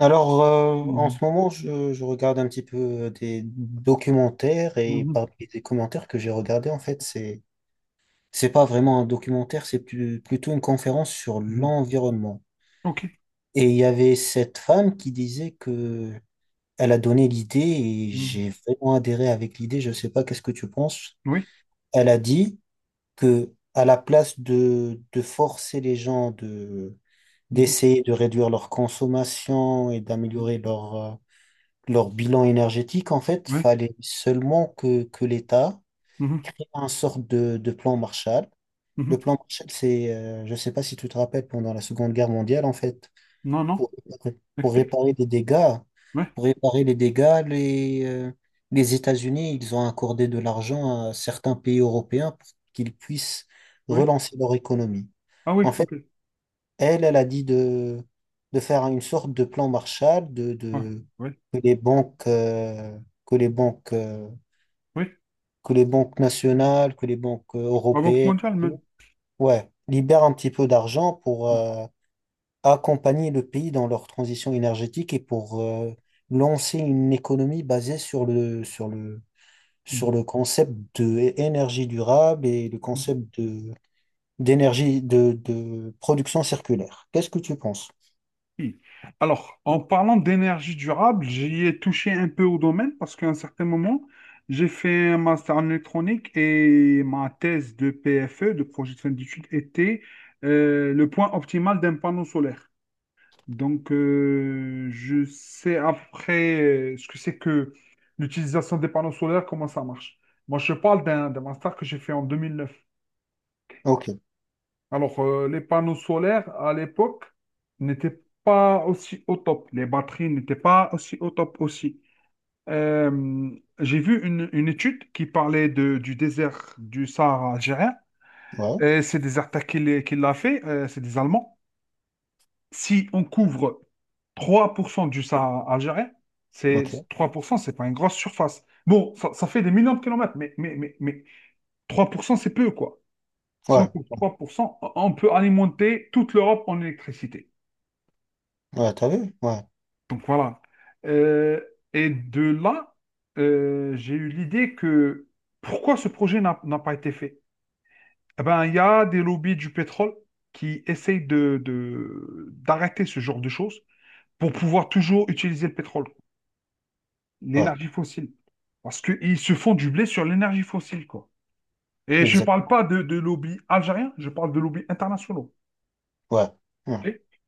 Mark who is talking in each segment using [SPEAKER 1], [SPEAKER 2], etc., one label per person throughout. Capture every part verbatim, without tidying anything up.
[SPEAKER 1] Alors, euh, en
[SPEAKER 2] Mhm.
[SPEAKER 1] ce moment, je, je regarde un petit peu euh, des documentaires et
[SPEAKER 2] Mhm.
[SPEAKER 1] parmi les commentaires que j'ai regardés, en fait, c'est, c'est pas vraiment un documentaire, c'est plus- plutôt une conférence sur
[SPEAKER 2] Mhm.
[SPEAKER 1] l'environnement.
[SPEAKER 2] Ok.
[SPEAKER 1] Et il y avait cette femme qui disait que elle a donné l'idée et
[SPEAKER 2] Mhm.
[SPEAKER 1] j'ai vraiment adhéré avec l'idée. Je sais pas, qu'est-ce que tu penses?
[SPEAKER 2] Oui.
[SPEAKER 1] Elle a dit que à la place de, de forcer les gens de,
[SPEAKER 2] Mhm.
[SPEAKER 1] d'essayer de réduire leur consommation et
[SPEAKER 2] Mhm.
[SPEAKER 1] d'améliorer leur, euh, leur bilan énergétique, en fait,
[SPEAKER 2] Oui.
[SPEAKER 1] fallait seulement que, que l'État
[SPEAKER 2] Mhm.
[SPEAKER 1] crée un sorte de, de plan Marshall. Le
[SPEAKER 2] Mhm.
[SPEAKER 1] plan Marshall, c'est, euh, je ne sais pas si tu te rappelles, pendant la Seconde Guerre mondiale, en fait,
[SPEAKER 2] Non, non.
[SPEAKER 1] pour, réparer- pour
[SPEAKER 2] Explique.
[SPEAKER 1] réparer les dégâts,
[SPEAKER 2] Oui.
[SPEAKER 1] pour réparer les dégâts, les, euh, les États-Unis, ils ont accordé de l'argent à certains pays européens pour qu'ils puissent
[SPEAKER 2] Oui.
[SPEAKER 1] relancer leur économie.
[SPEAKER 2] Ah
[SPEAKER 1] En
[SPEAKER 2] oui,
[SPEAKER 1] fait,
[SPEAKER 2] ok.
[SPEAKER 1] elle, elle a dit de, de faire une sorte de plan Marshall, de,
[SPEAKER 2] Ouais.
[SPEAKER 1] de,
[SPEAKER 2] Oui.
[SPEAKER 1] que les banques, euh, que les banques, euh,
[SPEAKER 2] Oui.
[SPEAKER 1] que les banques nationales, que les banques euh,
[SPEAKER 2] La Banque
[SPEAKER 1] européennes,
[SPEAKER 2] mondiale même.
[SPEAKER 1] tout, ouais, libèrent un petit peu d'argent pour euh, accompagner le pays dans leur transition énergétique et pour euh, lancer une économie basée sur le, sur le, sur
[SPEAKER 2] Mhm.
[SPEAKER 1] le concept de énergie durable et le
[SPEAKER 2] Mhm.
[SPEAKER 1] concept de, d'énergie, de, de production circulaire. Qu'est-ce que tu penses?
[SPEAKER 2] Oui. Alors, en parlant d'énergie durable, j'y ai touché un peu au domaine parce qu'à un certain moment, j'ai fait un master en électronique et ma thèse de P F E, de projet de fin d'études, était euh, le point optimal d'un panneau solaire. Donc, euh, je sais après euh, ce que c'est que l'utilisation des panneaux solaires, comment ça marche. Moi, je parle d'un d'un master que j'ai fait en deux mille neuf.
[SPEAKER 1] Ok,
[SPEAKER 2] Alors, euh, les panneaux solaires, à l'époque, n'étaient pas aussi au top. Les batteries n'étaient pas aussi au top aussi. Euh, j'ai vu une, une étude qui parlait de- du désert du Sahara algérien.
[SPEAKER 1] ouais.
[SPEAKER 2] Et c'est des attaques qui l'a fait, euh, c'est des Allemands. Si on couvre trois pour cent du Sahara algérien, c'est
[SPEAKER 1] Ok.
[SPEAKER 2] trois pour cent, c'est pas une grosse surface. Bon, ça, ça fait des millions de kilomètres, mais, mais, mais, mais trois pour cent, c'est peu, quoi. Si on
[SPEAKER 1] Ouais.
[SPEAKER 2] coupe trois pour cent, on peut alimenter toute l'Europe en électricité.
[SPEAKER 1] Ouais, t'as vu? Ouais.
[SPEAKER 2] Donc voilà. Euh, et de là, euh, j'ai eu l'idée que pourquoi ce projet n'a n'a pas été fait. Eh ben, il y a des lobbies du pétrole qui essayent de, de- d'arrêter ce genre de choses pour pouvoir toujours utiliser le pétrole,
[SPEAKER 1] Ouais.
[SPEAKER 2] l'énergie fossile. Parce qu'ils se font du blé sur l'énergie fossile, quoi. Et je ne parle
[SPEAKER 1] Exactement.
[SPEAKER 2] pas de, de lobby algérien, je parle de lobby international.
[SPEAKER 1] Ouais. Ouais.
[SPEAKER 2] OK.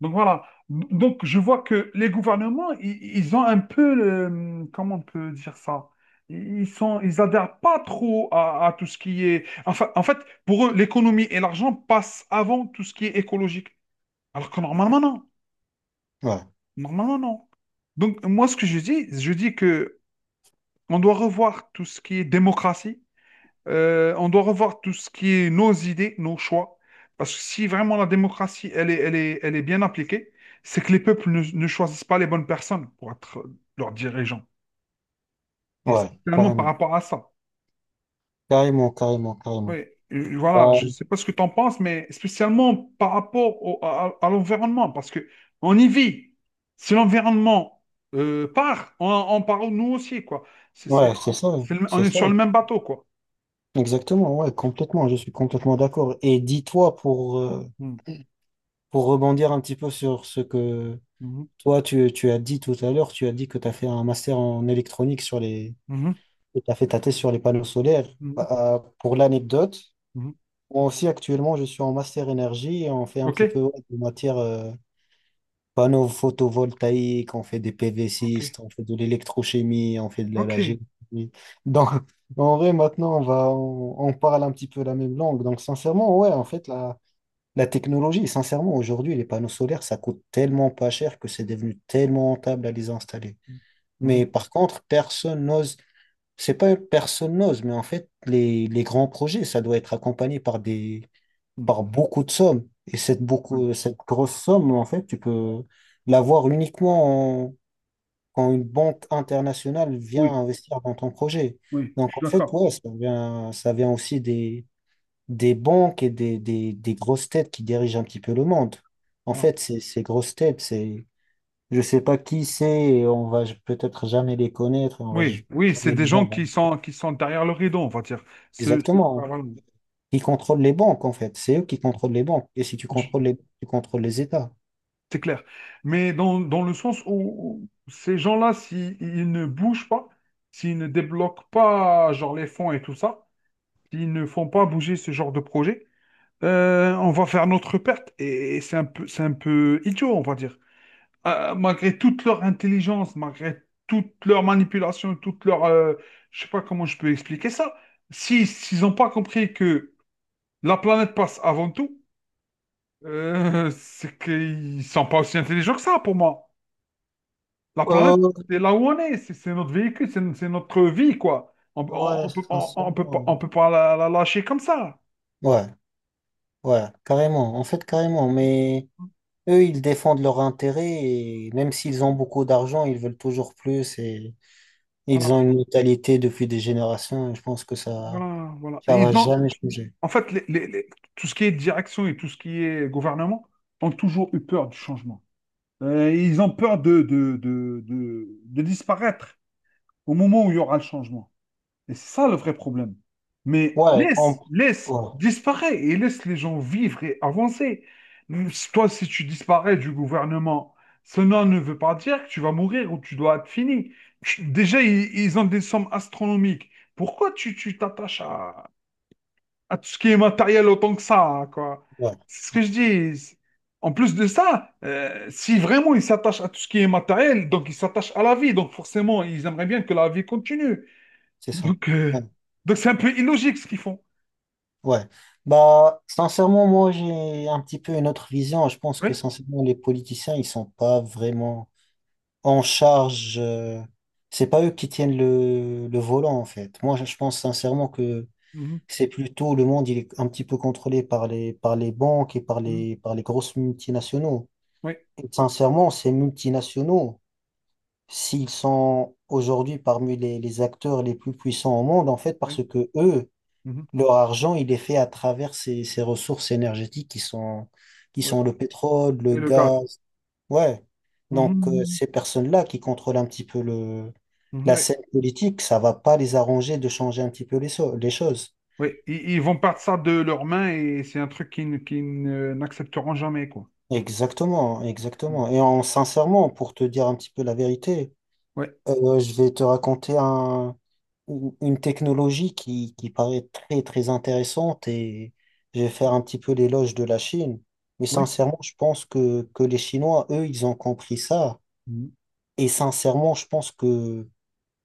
[SPEAKER 2] Donc voilà. Donc je vois que les gouvernements, ils, ils ont un peu le- comment on peut dire ça? Ils sont, ils adhèrent pas trop à, à tout ce qui est. Enfin, en fait, pour eux, l'économie et l'argent passent avant tout ce qui est écologique. Alors que normalement, non.
[SPEAKER 1] Ouais.
[SPEAKER 2] Normalement, non. Donc, moi, ce que je dis, je dis que on doit revoir tout ce qui est démocratie. Euh, on doit revoir tout ce qui est nos idées, nos choix. Parce que si vraiment la démocratie, elle est, elle est, elle est bien appliquée, c'est que les peuples ne, ne choisissent pas les bonnes personnes pour être leurs dirigeants. Et
[SPEAKER 1] Ouais.
[SPEAKER 2] spécialement par
[SPEAKER 1] Carrément.
[SPEAKER 2] rapport à ça.
[SPEAKER 1] Carrément, carrément, carrément.
[SPEAKER 2] Oui, euh,
[SPEAKER 1] Bah,
[SPEAKER 2] voilà, je ne sais pas ce que tu en penses, mais spécialement par rapport au- à, à, l'environnement, parce que on y vit. Si l'environnement euh, part, on, on part nous aussi, quoi. C'est, c'est-
[SPEAKER 1] ouais, c'est ça.
[SPEAKER 2] c'est le- on
[SPEAKER 1] C'est
[SPEAKER 2] est
[SPEAKER 1] ça.
[SPEAKER 2] sur le même bateau, quoi.
[SPEAKER 1] Exactement. Ouais, complètement. Je suis complètement d'accord. Et dis-toi pour, euh,
[SPEAKER 2] Hmm.
[SPEAKER 1] pour rebondir un petit peu sur ce que
[SPEAKER 2] Mhm.
[SPEAKER 1] toi, tu, tu as dit tout à l'heure, tu as dit que tu as fait un master en électronique sur les,
[SPEAKER 2] Mhm.
[SPEAKER 1] et tu as fait ta thèse sur les panneaux solaires.
[SPEAKER 2] Mhm.
[SPEAKER 1] Bah, euh, pour l'anecdote,
[SPEAKER 2] Mhm.
[SPEAKER 1] moi aussi, actuellement, je suis en master énergie et on fait un
[SPEAKER 2] OK?
[SPEAKER 1] petit peu ouais, de matière. Panneaux photovoltaïques, on fait des pv,
[SPEAKER 2] OK.
[SPEAKER 1] on fait de l'électrochimie, on fait de la,
[SPEAKER 2] Ok.
[SPEAKER 1] la géochimie. Donc, en vrai, maintenant, on va, on, on parle un petit peu la même langue. Donc, sincèrement, ouais, en fait, la, la technologie, sincèrement, aujourd'hui, les panneaux solaires, ça coûte tellement pas cher que c'est devenu tellement rentable à les installer.
[SPEAKER 2] Mhm,
[SPEAKER 1] Mais par contre, personne n'ose, c'est pas personne n'ose, mais en fait, les, les grands projets, ça doit être accompagné par des,
[SPEAKER 2] mhm.
[SPEAKER 1] par beaucoup de sommes. Et cette, beaucoup, cette grosse somme, en fait, tu peux l'avoir uniquement en- quand une banque internationale vient
[SPEAKER 2] Oui,
[SPEAKER 1] investir dans ton projet.
[SPEAKER 2] Oui, oui, je
[SPEAKER 1] Donc, en
[SPEAKER 2] suis
[SPEAKER 1] fait,
[SPEAKER 2] d'accord.
[SPEAKER 1] ouais, ça vient, ça vient aussi des, des banques et des, des, des grosses têtes qui dirigent un petit peu le monde. En
[SPEAKER 2] Voilà.
[SPEAKER 1] fait, ces, ces grosses têtes, c'est, je sais pas qui c'est, et on va peut-être jamais les connaître, et on va
[SPEAKER 2] Oui, oui, c'est
[SPEAKER 1] jamais
[SPEAKER 2] des
[SPEAKER 1] les
[SPEAKER 2] gens
[SPEAKER 1] voir.
[SPEAKER 2] qui sont, qui sont derrière le rideau, on va dire. Ce- ce- ah,
[SPEAKER 1] Exactement.
[SPEAKER 2] voilà.
[SPEAKER 1] Qui contrôlent les banques, en fait. C'est eux qui contrôlent les banques. Et si tu
[SPEAKER 2] Je-
[SPEAKER 1] contrôles les, tu contrôles les États.
[SPEAKER 2] C'est clair. Mais dans, dans le sens où où ces gens-là, s'ils ne bougent pas, s'ils ne débloquent pas genre les fonds et tout ça, s'ils ne font pas bouger ce genre de projet, euh, on va faire notre perte. Et, et c'est un peu, c'est un peu idiot, on va dire. euh, malgré toute leur intelligence, malgré toute leur manipulation, toute leur... euh, je sais pas comment je peux expliquer ça. Si, s'ils n'ont pas compris que la planète passe avant tout, euh, c'est qu'ils sont pas aussi intelligents que ça, pour moi. La planète,
[SPEAKER 1] Euh,
[SPEAKER 2] c'est là où on est, c'est c'est notre véhicule, c'est c'est notre vie, quoi. On, on,
[SPEAKER 1] ouais,
[SPEAKER 2] on peut, on, on peut pas,
[SPEAKER 1] sincèrement.
[SPEAKER 2] on peut pas la, la lâcher comme ça.
[SPEAKER 1] Ouais, ouais, carrément. En fait, carrément. Mais eux, ils défendent leurs intérêts et même s'ils ont beaucoup d'argent, ils veulent toujours plus et ils ont
[SPEAKER 2] Voilà.
[SPEAKER 1] une mentalité depuis des générations et je pense que ça,
[SPEAKER 2] Voilà, voilà.
[SPEAKER 1] ça
[SPEAKER 2] Et
[SPEAKER 1] va
[SPEAKER 2] Ils ont,
[SPEAKER 1] jamais changer.
[SPEAKER 2] en fait, les- les- les- tout ce qui est direction et tout ce qui est gouvernement ont toujours eu peur du changement. Euh, ils ont peur de, de, de, de, de disparaître au moment où il y aura le changement. Et c'est ça le vrai problème. Mais
[SPEAKER 1] Ouais, en-
[SPEAKER 2] laisse, laisse,
[SPEAKER 1] ouais,
[SPEAKER 2] disparaît et laisse les gens vivre et avancer. Si Toi, si tu disparais du gouvernement, cela ne veut pas dire que tu vas mourir ou tu dois être fini. Tu- Déjà, ils, ils ont des sommes astronomiques. Pourquoi tu tu t'attaches à à tout ce qui est matériel autant que ça, quoi.
[SPEAKER 1] ouais.
[SPEAKER 2] C'est ce que je dis. C'est- En plus de ça, euh, si vraiment ils s'attachent à tout ce qui est matériel, donc ils s'attachent à la vie, donc forcément ils aimeraient bien que la vie continue.
[SPEAKER 1] C'est ça.
[SPEAKER 2] Donc
[SPEAKER 1] Ouais.
[SPEAKER 2] euh, donc c'est un peu illogique ce qu'ils font.
[SPEAKER 1] Ouais. Bah, sincèrement, moi, j'ai un petit peu une autre vision. Je pense que,
[SPEAKER 2] Oui.
[SPEAKER 1] sincèrement, les politiciens, ils sont pas vraiment en charge. euh, C'est pas eux qui tiennent le, le volant, en fait. Moi, je je pense sincèrement que
[SPEAKER 2] Mhm.
[SPEAKER 1] c'est plutôt le monde, il est un petit peu contrôlé par les, par les banques et par
[SPEAKER 2] Mhm.
[SPEAKER 1] les, par les grosses multinationaux.
[SPEAKER 2] Oui.
[SPEAKER 1] Et sincèrement, ces multinationaux,
[SPEAKER 2] Mhm.
[SPEAKER 1] s'ils sont aujourd'hui parmi les, les acteurs les plus puissants au monde, en fait,
[SPEAKER 2] Oui.
[SPEAKER 1] parce que eux,
[SPEAKER 2] Mhm.
[SPEAKER 1] leur argent, il est fait à travers ces, ces ressources énergétiques qui sont, qui
[SPEAKER 2] Oui.
[SPEAKER 1] sont le pétrole, le
[SPEAKER 2] Et le gaz.
[SPEAKER 1] gaz. Ouais. Donc, euh,
[SPEAKER 2] Mhm.
[SPEAKER 1] ces personnes-là qui contrôlent un petit peu le,
[SPEAKER 2] Mhm.
[SPEAKER 1] la
[SPEAKER 2] Oui.
[SPEAKER 1] scène politique, ça va pas les arranger de changer un petit peu les, so- les choses.
[SPEAKER 2] Oui. Ils, ils vont perdre ça de leurs mains et c'est un truc qu'ils ne- qu'ils ne- n'accepteront jamais, quoi.
[SPEAKER 1] Exactement, exactement. Et en, sincèrement, pour te dire un petit peu la vérité,
[SPEAKER 2] Oui.
[SPEAKER 1] Euh, je vais te raconter un, une une technologie qui, qui paraît très très intéressante et je vais faire un petit peu l'éloge de la Chine. Mais
[SPEAKER 2] Oui.
[SPEAKER 1] sincèrement, je pense que, que les Chinois, eux, ils ont compris ça.
[SPEAKER 2] Mhm. Oui.
[SPEAKER 1] Et sincèrement, je pense que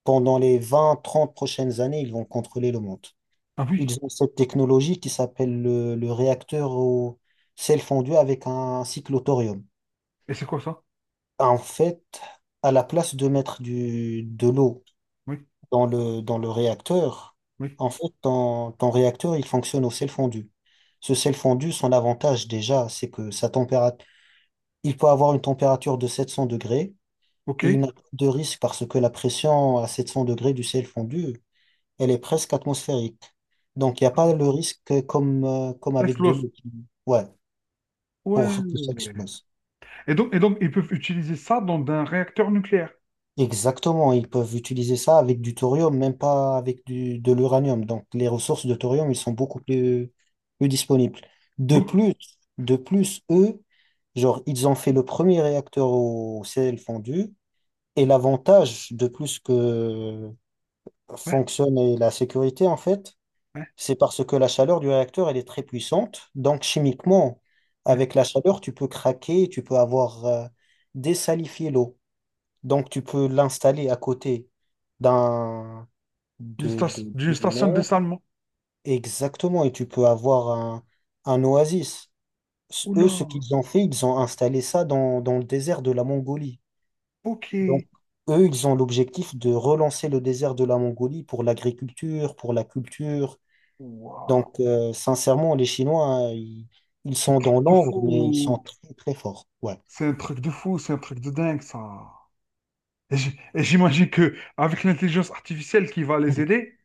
[SPEAKER 1] pendant les vingt trente prochaines années, ils vont contrôler le monde.
[SPEAKER 2] Ah oui.
[SPEAKER 1] Ils ont cette technologie qui s'appelle le, le réacteur au sel fondu avec un cycle au thorium.
[SPEAKER 2] Et c'est quoi ça?
[SPEAKER 1] En fait, à la place de mettre du, de l'eau,
[SPEAKER 2] oui
[SPEAKER 1] dans le, dans le réacteur,
[SPEAKER 2] Oui.
[SPEAKER 1] en fait, ton, ton réacteur, il fonctionne au sel fondu. Ce sel fondu, son avantage déjà, c'est que sa température, il peut avoir une température de sept cents degrés
[SPEAKER 2] OK?
[SPEAKER 1] et il n'a pas de risque parce que la pression à sept cents degrés du sel fondu, elle est presque atmosphérique. Donc, il n'y a pas le risque comme, euh, comme
[SPEAKER 2] Ça
[SPEAKER 1] avec de
[SPEAKER 2] explose.
[SPEAKER 1] l'eau. Ouais, pour que
[SPEAKER 2] Ouais.
[SPEAKER 1] ça explose.
[SPEAKER 2] Et donc, et donc, ils peuvent utiliser ça dans un réacteur nucléaire.
[SPEAKER 1] Exactement, ils peuvent utiliser ça avec du thorium, même pas avec du, de l'uranium. Donc les ressources de thorium, ils sont beaucoup plus, plus disponibles. De
[SPEAKER 2] Bouc.
[SPEAKER 1] plus, de plus, eux, genre, ils ont fait le premier réacteur au sel fondu. Et l'avantage de plus que
[SPEAKER 2] Ouais,
[SPEAKER 1] fonctionne et la sécurité, en fait,
[SPEAKER 2] ouais,
[SPEAKER 1] c'est parce que la chaleur du réacteur, elle est très puissante. Donc chimiquement,
[SPEAKER 2] ouais.
[SPEAKER 1] avec la chaleur, tu peux craquer, tu peux avoir euh, désalifié l'eau. Donc, tu peux l'installer à côté d'un
[SPEAKER 2] D'une
[SPEAKER 1] de,
[SPEAKER 2] station,
[SPEAKER 1] de,
[SPEAKER 2] d'une
[SPEAKER 1] d'une
[SPEAKER 2] station de
[SPEAKER 1] mer.
[SPEAKER 2] dessalement.
[SPEAKER 1] Exactement. Et tu peux avoir un, un oasis. S- Eux,
[SPEAKER 2] Oula.
[SPEAKER 1] ce qu'ils ont fait, ils ont installé ça dans, dans le désert de la Mongolie. Donc,
[SPEAKER 2] OK.
[SPEAKER 1] eux, ils ont l'objectif de relancer le désert de la Mongolie pour l'agriculture, pour la culture.
[SPEAKER 2] Waouh,
[SPEAKER 1] Donc, euh, sincèrement, les Chinois, euh, ils, ils
[SPEAKER 2] c'est un
[SPEAKER 1] sont dans
[SPEAKER 2] truc de
[SPEAKER 1] l'ombre, mais ils sont
[SPEAKER 2] fou.
[SPEAKER 1] très, très forts. Ouais.
[SPEAKER 2] C'est un truc de fou, c'est un truc de dingue, ça. Et j'- et j'imagine que avec l'intelligence artificielle qui va les aider,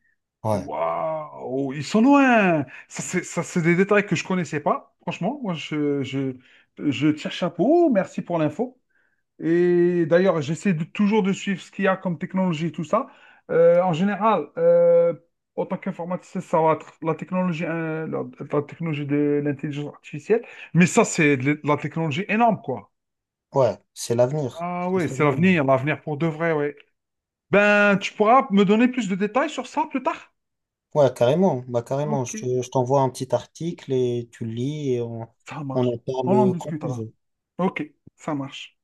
[SPEAKER 1] Ouais.
[SPEAKER 2] waouh, ils sont loin. Ça, c'est ça, c'est des détails que je connaissais pas. Franchement, moi, je, je, je tire chapeau. Merci pour l'info. Et d'ailleurs, j'essaie de- toujours de suivre ce qu'il y a comme technologie, tout ça. Euh, en général, euh, en tant qu'informaticien, ça va être la technologie, euh, la, la, technologie de l'intelligence artificielle. Mais ça, c'est de la technologie énorme, quoi.
[SPEAKER 1] Ouais. C'est l'avenir.
[SPEAKER 2] Ah
[SPEAKER 1] C'est
[SPEAKER 2] oui,
[SPEAKER 1] ça.
[SPEAKER 2] c'est l'avenir, l'avenir pour de vrai, oui. Ben, tu pourras me donner plus de détails sur ça plus tard?
[SPEAKER 1] Ouais, carrément. Bah, carrément.
[SPEAKER 2] Ok,
[SPEAKER 1] Je te- je t'envoie un petit article et tu le lis et on,
[SPEAKER 2] ça
[SPEAKER 1] on en
[SPEAKER 2] marche. On en
[SPEAKER 1] parle quand tu
[SPEAKER 2] discutera.
[SPEAKER 1] veux.
[SPEAKER 2] Ok, ça marche.